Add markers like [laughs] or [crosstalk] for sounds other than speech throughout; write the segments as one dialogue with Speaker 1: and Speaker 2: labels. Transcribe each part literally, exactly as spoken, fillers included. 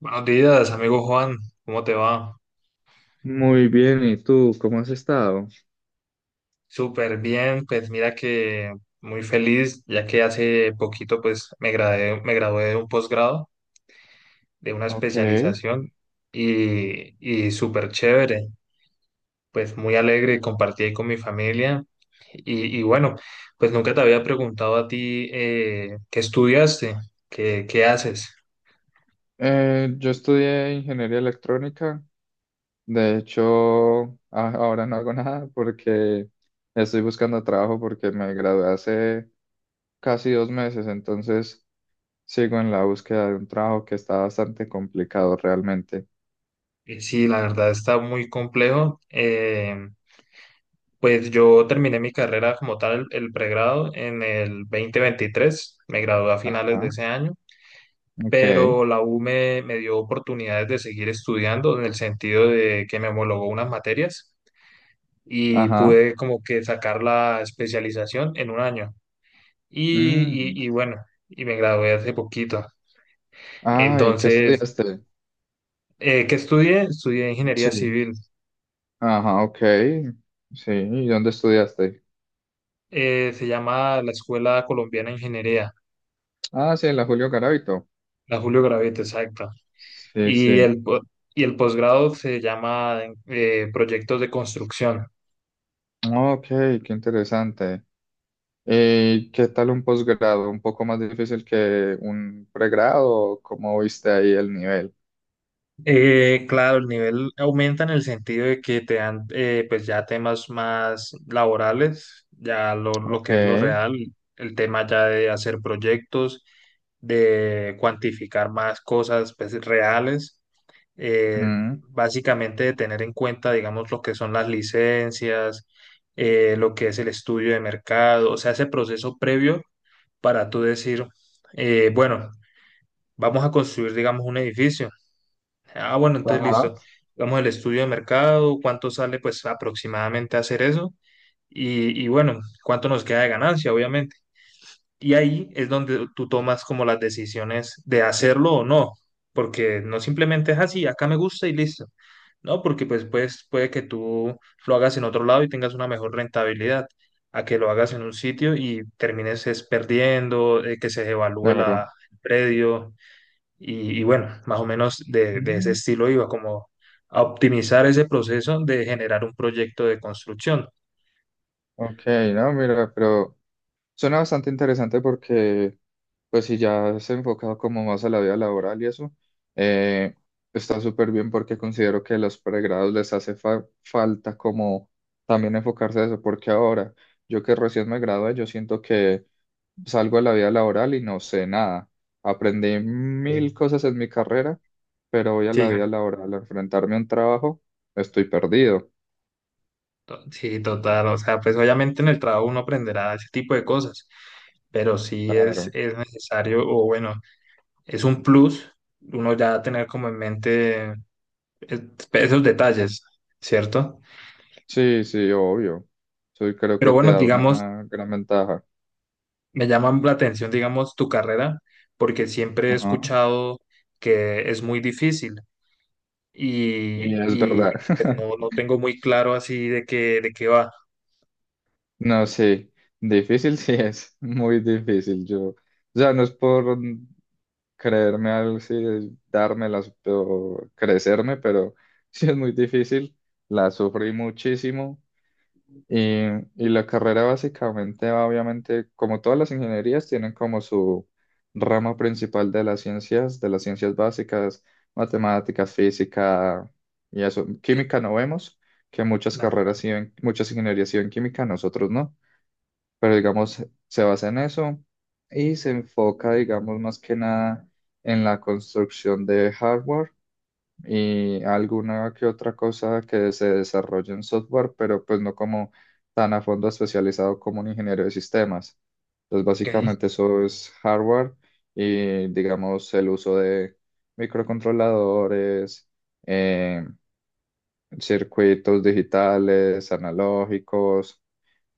Speaker 1: Buenos días, amigo Juan, ¿cómo te va?
Speaker 2: Muy bien, ¿y tú cómo has estado?
Speaker 1: Súper bien, pues mira que muy feliz, ya que hace poquito pues me gradué, me gradué de un posgrado, de una
Speaker 2: Ok. Eh,
Speaker 1: especialización y, y súper chévere, pues muy alegre, compartí ahí con mi familia y, y bueno, pues nunca te había preguntado a ti eh, qué estudiaste, qué, qué haces.
Speaker 2: yo estudié ingeniería electrónica. De hecho, a- ahora no hago [laughs] nada porque estoy buscando trabajo porque me gradué hace casi dos meses, entonces sigo en la búsqueda de un trabajo que está bastante complicado realmente.
Speaker 1: Y sí, la verdad está muy complejo. eh, Pues yo terminé mi carrera como tal, el, pregrado, en el dos mil veintitrés, me gradué a finales de
Speaker 2: Ajá.
Speaker 1: ese año,
Speaker 2: Ok.
Speaker 1: pero la U me, me dio oportunidades de seguir estudiando en el sentido de que me homologó unas materias y
Speaker 2: Ajá.
Speaker 1: pude como que sacar la especialización en un año. Y,
Speaker 2: Mm.
Speaker 1: y, y bueno, y me gradué hace poquito.
Speaker 2: Ah, ¿y qué
Speaker 1: Entonces,
Speaker 2: estudiaste?
Speaker 1: eh, ¿qué estudié? Estudié ingeniería
Speaker 2: Sí.
Speaker 1: civil.
Speaker 2: Ajá, ok. Sí, ¿y dónde estudiaste?
Speaker 1: Eh, se llama la Escuela Colombiana de Ingeniería,
Speaker 2: Ah, sí, en la Julio Garavito.
Speaker 1: la Julio Gravete, exacta.
Speaker 2: Sí,
Speaker 1: Y
Speaker 2: sí.
Speaker 1: el, po- y el posgrado se llama eh, proyectos de construcción.
Speaker 2: Ah, ok, qué interesante. ¿Y qué tal un posgrado? ¿Un poco más difícil que un pregrado? ¿Cómo viste ahí el nivel?
Speaker 1: Eh, claro, el nivel aumenta en el sentido de que te dan eh, pues ya temas más laborales, ya lo, lo
Speaker 2: Ok.
Speaker 1: que es lo real, el tema ya de hacer proyectos, de cuantificar más cosas pues, reales, eh,
Speaker 2: Ujú.
Speaker 1: básicamente de tener en cuenta, digamos, lo que son las licencias, eh, lo que es el estudio de mercado, o sea, ese proceso previo para tú decir, eh, bueno, vamos a construir, digamos, un edificio. Ah, bueno, entonces
Speaker 2: Ajá.
Speaker 1: listo. Vamos al estudio de mercado, cuánto sale pues aproximadamente hacer eso y, y bueno, cuánto nos queda de ganancia, obviamente. Y ahí es donde tú tomas como las decisiones de hacerlo o no, porque no simplemente es así, acá me gusta y listo. No, porque pues, pues puede que tú lo hagas en otro lado y tengas una mejor rentabilidad, a que lo hagas en un sitio y termines es perdiendo, eh, que se devalúe la,
Speaker 2: Claro.
Speaker 1: el predio. Y, y bueno, más o menos de, de ese
Speaker 2: Ujú.
Speaker 1: estilo iba, como a optimizar ese proceso de generar un proyecto de construcción.
Speaker 2: Ok, no, mira, pero suena bastante interesante porque, pues si ya se ha enfocado como más a la vida laboral y eso, eh, está súper bien porque considero que a los pregrados les hace fa- falta como también enfocarse a eso, porque ahora yo que recién me gradué, yo siento que salgo a la vida laboral y no sé nada. Aprendí
Speaker 1: Sí.
Speaker 2: mil cosas en mi carrera, pero voy a
Speaker 1: Sí,
Speaker 2: la vida laboral a enfrentarme a un trabajo, estoy perdido.
Speaker 1: To- sí, total. O sea, pues obviamente en el trabajo uno aprenderá ese tipo de cosas, pero sí es,
Speaker 2: Claro.
Speaker 1: es necesario, o bueno, es un plus uno ya tener como en mente eh, esos detalles, ¿cierto?
Speaker 2: Sí, sí, obvio. Eso creo
Speaker 1: Pero
Speaker 2: que te
Speaker 1: bueno,
Speaker 2: da
Speaker 1: digamos,
Speaker 2: una gran ventaja.
Speaker 1: me llama la atención, digamos, tu carrera, porque siempre he
Speaker 2: Ajá.
Speaker 1: escuchado que es muy difícil
Speaker 2: Y
Speaker 1: y,
Speaker 2: es
Speaker 1: y,
Speaker 2: verdad.
Speaker 1: pues,
Speaker 2: [laughs]
Speaker 1: no, no tengo muy claro así de qué, de qué va.
Speaker 2: No, sí, difícil sí es, muy difícil. Yo, o sea, no es por creerme algo, sí, dármelas o crecerme, pero [laughs] sí es muy difícil. La sufrí muchísimo. Y, y la carrera básicamente va, obviamente, como todas las ingenierías, tienen como su rama principal de las ciencias, de las ciencias básicas, matemáticas, física y eso.
Speaker 1: Sí.
Speaker 2: Química no vemos, que muchas
Speaker 1: Ajá,
Speaker 2: carreras siguen, muchas ingenierías siguen química, nosotros no, pero digamos, se basa en eso y se enfoca, digamos, más que nada en la construcción de hardware y alguna que otra cosa que se desarrolle en software, pero pues no como tan a fondo especializado como un ingeniero de sistemas. Entonces,
Speaker 1: ok.
Speaker 2: básicamente eso es hardware y digamos el uso de microcontroladores, eh, circuitos digitales, analógicos,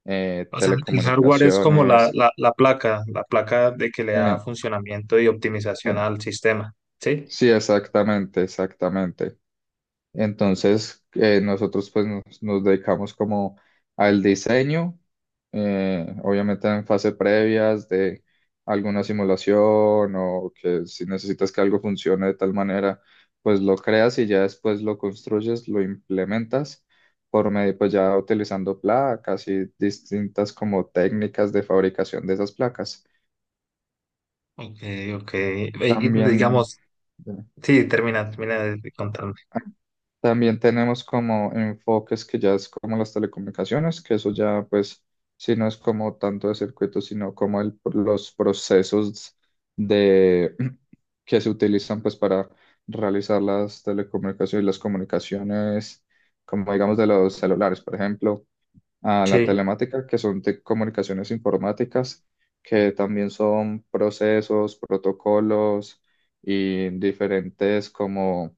Speaker 2: eh,
Speaker 1: O sea, el hardware es como la,
Speaker 2: telecomunicaciones.
Speaker 1: la, la placa, la placa de que le da
Speaker 2: Eh,
Speaker 1: funcionamiento y optimización
Speaker 2: eh,
Speaker 1: al sistema, ¿sí?
Speaker 2: sí, exactamente, exactamente. Entonces, eh, nosotros pues nos, nos dedicamos como al diseño, eh, obviamente en fase previas de alguna simulación o que si necesitas que algo funcione de tal manera, pues lo creas y ya después lo construyes, lo implementas por medio, pues ya utilizando placas y distintas como técnicas de fabricación de esas placas.
Speaker 1: Ok, ok. Eh, Y
Speaker 2: También,
Speaker 1: digamos,
Speaker 2: eh,
Speaker 1: sí, termina, termina de de contarme.
Speaker 2: También tenemos como enfoques que ya es como las telecomunicaciones, que eso ya pues si no es como tanto de circuitos, sino como el- los procesos de [clears throat] que se utilizan pues para realizar las telecomunicaciones y las comunicaciones, como digamos de los celulares, por ejemplo, a la
Speaker 1: Sí,
Speaker 2: telemática, que son de comunicaciones informáticas, que también son procesos, protocolos y diferentes como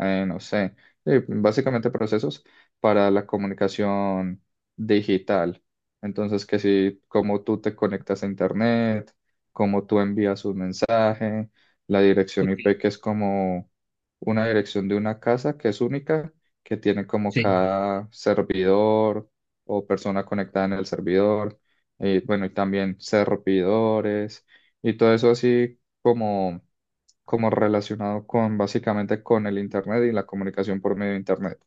Speaker 2: eh, no sé, eh, básicamente procesos para la comunicación digital. Entonces, que si, cómo tú te conectas a Internet, cómo tú envías un mensaje, la dirección I P,
Speaker 1: ok,
Speaker 2: que es como una dirección de una casa que es única, que tiene como
Speaker 1: sí.
Speaker 2: cada servidor o persona conectada en el servidor, y bueno, y también servidores, y todo eso así como como relacionado con básicamente con el Internet y la comunicación por medio de Internet.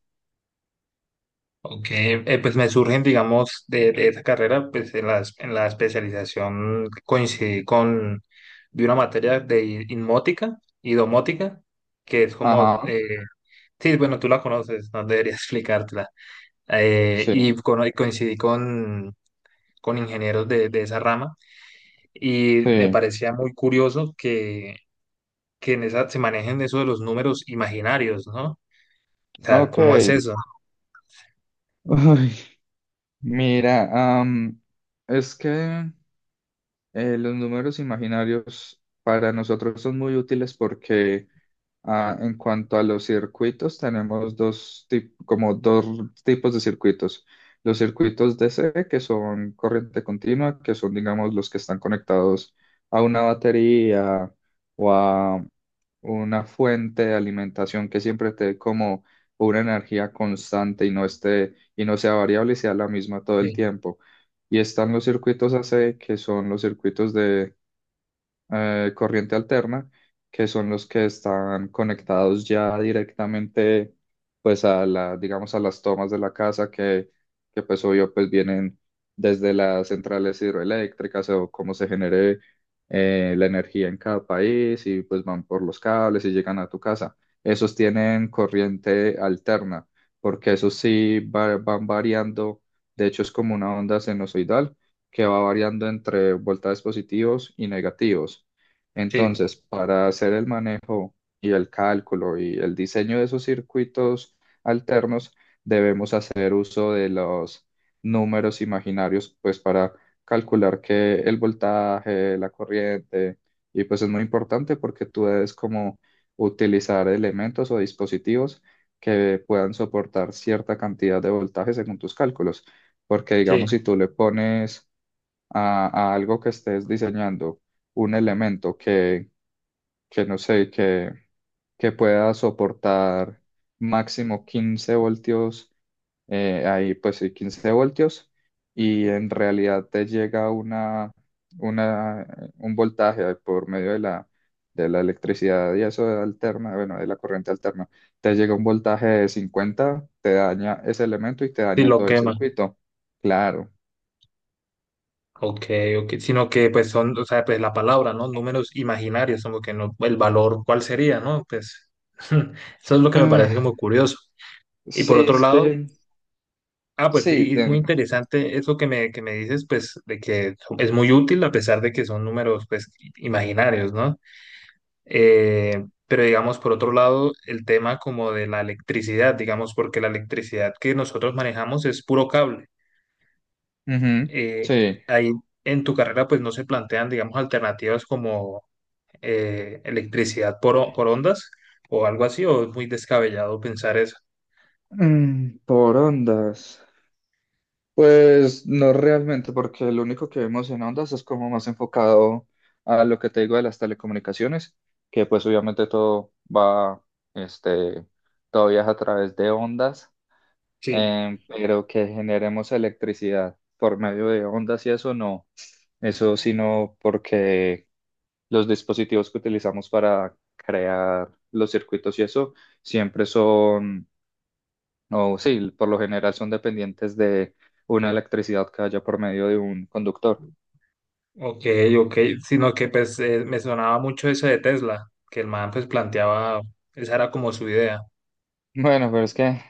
Speaker 1: Ok, eh, pues me surgen, digamos, de, de esa carrera, pues en la, es- en la especialización coincidí con, de una materia de i- inmótica y domótica, que es como,
Speaker 2: Ajá,
Speaker 1: eh, sí, bueno, tú la conoces, no debería [laughs] explicártela. eh,
Speaker 2: sí,
Speaker 1: y cono- coincidí con, con ingenieros de, de esa rama y me
Speaker 2: sí,
Speaker 1: parecía muy curioso que, que en esa, se manejen eso de los números imaginarios, ¿no? O sea,
Speaker 2: ok.
Speaker 1: ¿cómo es eso?
Speaker 2: Ay, mira, am, es que eh, los números imaginarios para nosotros son muy útiles porque ah, en cuanto a los circuitos, tenemos dos tip- como dos tipos de circuitos. Los circuitos D C, que son corriente continua, que son, digamos, los que están conectados a una batería o a una fuente de alimentación que siempre te dé como una energía constante y no esté, y no sea variable y sea la misma todo el
Speaker 1: Sí,
Speaker 2: tiempo. Y están los circuitos A C, que son los circuitos de eh, corriente alterna, que son los que están conectados ya directamente, pues a la, digamos, a las tomas de la casa que, que pues obvio, pues vienen desde las centrales hidroeléctricas o cómo se genere eh, la energía en cada país y pues van por los cables y llegan a tu casa. Esos tienen corriente alterna, porque esos sí va- van variando, de hecho es como una onda sinusoidal que va variando entre voltajes positivos y negativos.
Speaker 1: sí,
Speaker 2: Entonces, para hacer el manejo y el cálculo y el diseño de esos circuitos alternos, debemos hacer uso de los números imaginarios, pues para calcular que el voltaje, la corriente, y pues es muy importante porque tú debes como utilizar elementos o dispositivos que puedan soportar cierta cantidad de voltaje según tus cálculos, porque
Speaker 1: sí,
Speaker 2: digamos si tú le pones a, a algo que estés diseñando, un elemento que, que no sé, que, que pueda soportar máximo quince voltios, eh, ahí pues sí, quince voltios, y en realidad te llega una, una, un voltaje por medio de la, de la electricidad y eso alterna, bueno, de la corriente alterna, te llega un voltaje de cincuenta te daña ese elemento y te
Speaker 1: sí,
Speaker 2: daña
Speaker 1: lo
Speaker 2: todo el
Speaker 1: quema.
Speaker 2: circuito. Claro.
Speaker 1: Ok, ok, sino que pues son, o sea, pues la palabra, ¿no? Números imaginarios, como que no, el valor, ¿cuál sería, no? Pues [laughs] eso es lo que me
Speaker 2: Eh,
Speaker 1: parece como curioso. Y
Speaker 2: sí,
Speaker 1: por otro
Speaker 2: es
Speaker 1: lado,
Speaker 2: que
Speaker 1: ah, pues
Speaker 2: sí,
Speaker 1: sí, es muy
Speaker 2: de-
Speaker 1: interesante eso que me, que me dices, pues de que so- es muy útil a pesar de que son números, pues, i- imaginarios, ¿no? Eh, pero digamos, por otro lado, el tema como de la electricidad, digamos, porque la electricidad que nosotros manejamos es puro cable.
Speaker 2: ujú,
Speaker 1: Eh,
Speaker 2: sí.
Speaker 1: ahí en tu carrera, pues, no se plantean, digamos, alternativas como eh, electricidad por, o- por ondas o algo así, o es muy descabellado pensar eso.
Speaker 2: Mm, por ondas. Pues no realmente, porque lo único que vemos en ondas es como más enfocado a lo que te digo de las telecomunicaciones, que pues obviamente todo va, este, todo viaja a través de ondas,
Speaker 1: Sí.
Speaker 2: em, pero que generemos electricidad por medio de ondas y eso no, eso sino porque los dispositivos que utilizamos para crear los circuitos y eso siempre son o sí, por lo general son dependientes de una electricidad que haya por medio de un conductor. [laughs]
Speaker 1: Ok, ok, sino que pues eh, me sonaba mucho eso de Tesla, que el man pues planteaba, esa era como su idea.
Speaker 2: Bueno, pero es que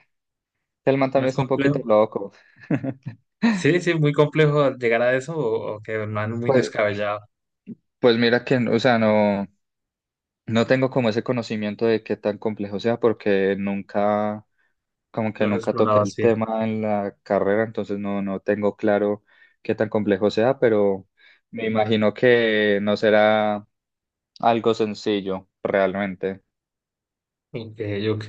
Speaker 2: el man
Speaker 1: ¿No
Speaker 2: también
Speaker 1: es
Speaker 2: está un poquito
Speaker 1: complejo?
Speaker 2: loco. [laughs]
Speaker 1: Sí, sí, muy complejo llegar a eso o, o que el man muy
Speaker 2: Pues,
Speaker 1: descabellado
Speaker 2: pues mira que, o sea, no, no tengo como ese conocimiento de qué tan complejo sea porque nunca, como que
Speaker 1: lo has
Speaker 2: nunca toqué
Speaker 1: explorado
Speaker 2: el
Speaker 1: así.
Speaker 2: tema en la carrera, entonces no, no tengo claro qué tan complejo sea, pero me imagino que no será algo sencillo realmente.
Speaker 1: Ok, ok.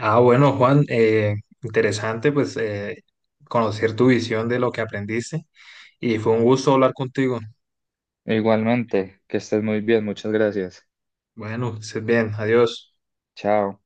Speaker 1: Ah, bueno, Juan, eh, interesante pues eh, conocer tu visión de lo que aprendiste y fue un gusto hablar contigo.
Speaker 2: Igualmente, que estés muy bien, muchas gracias.
Speaker 1: Bueno, que estés bien, adiós.
Speaker 2: Chao.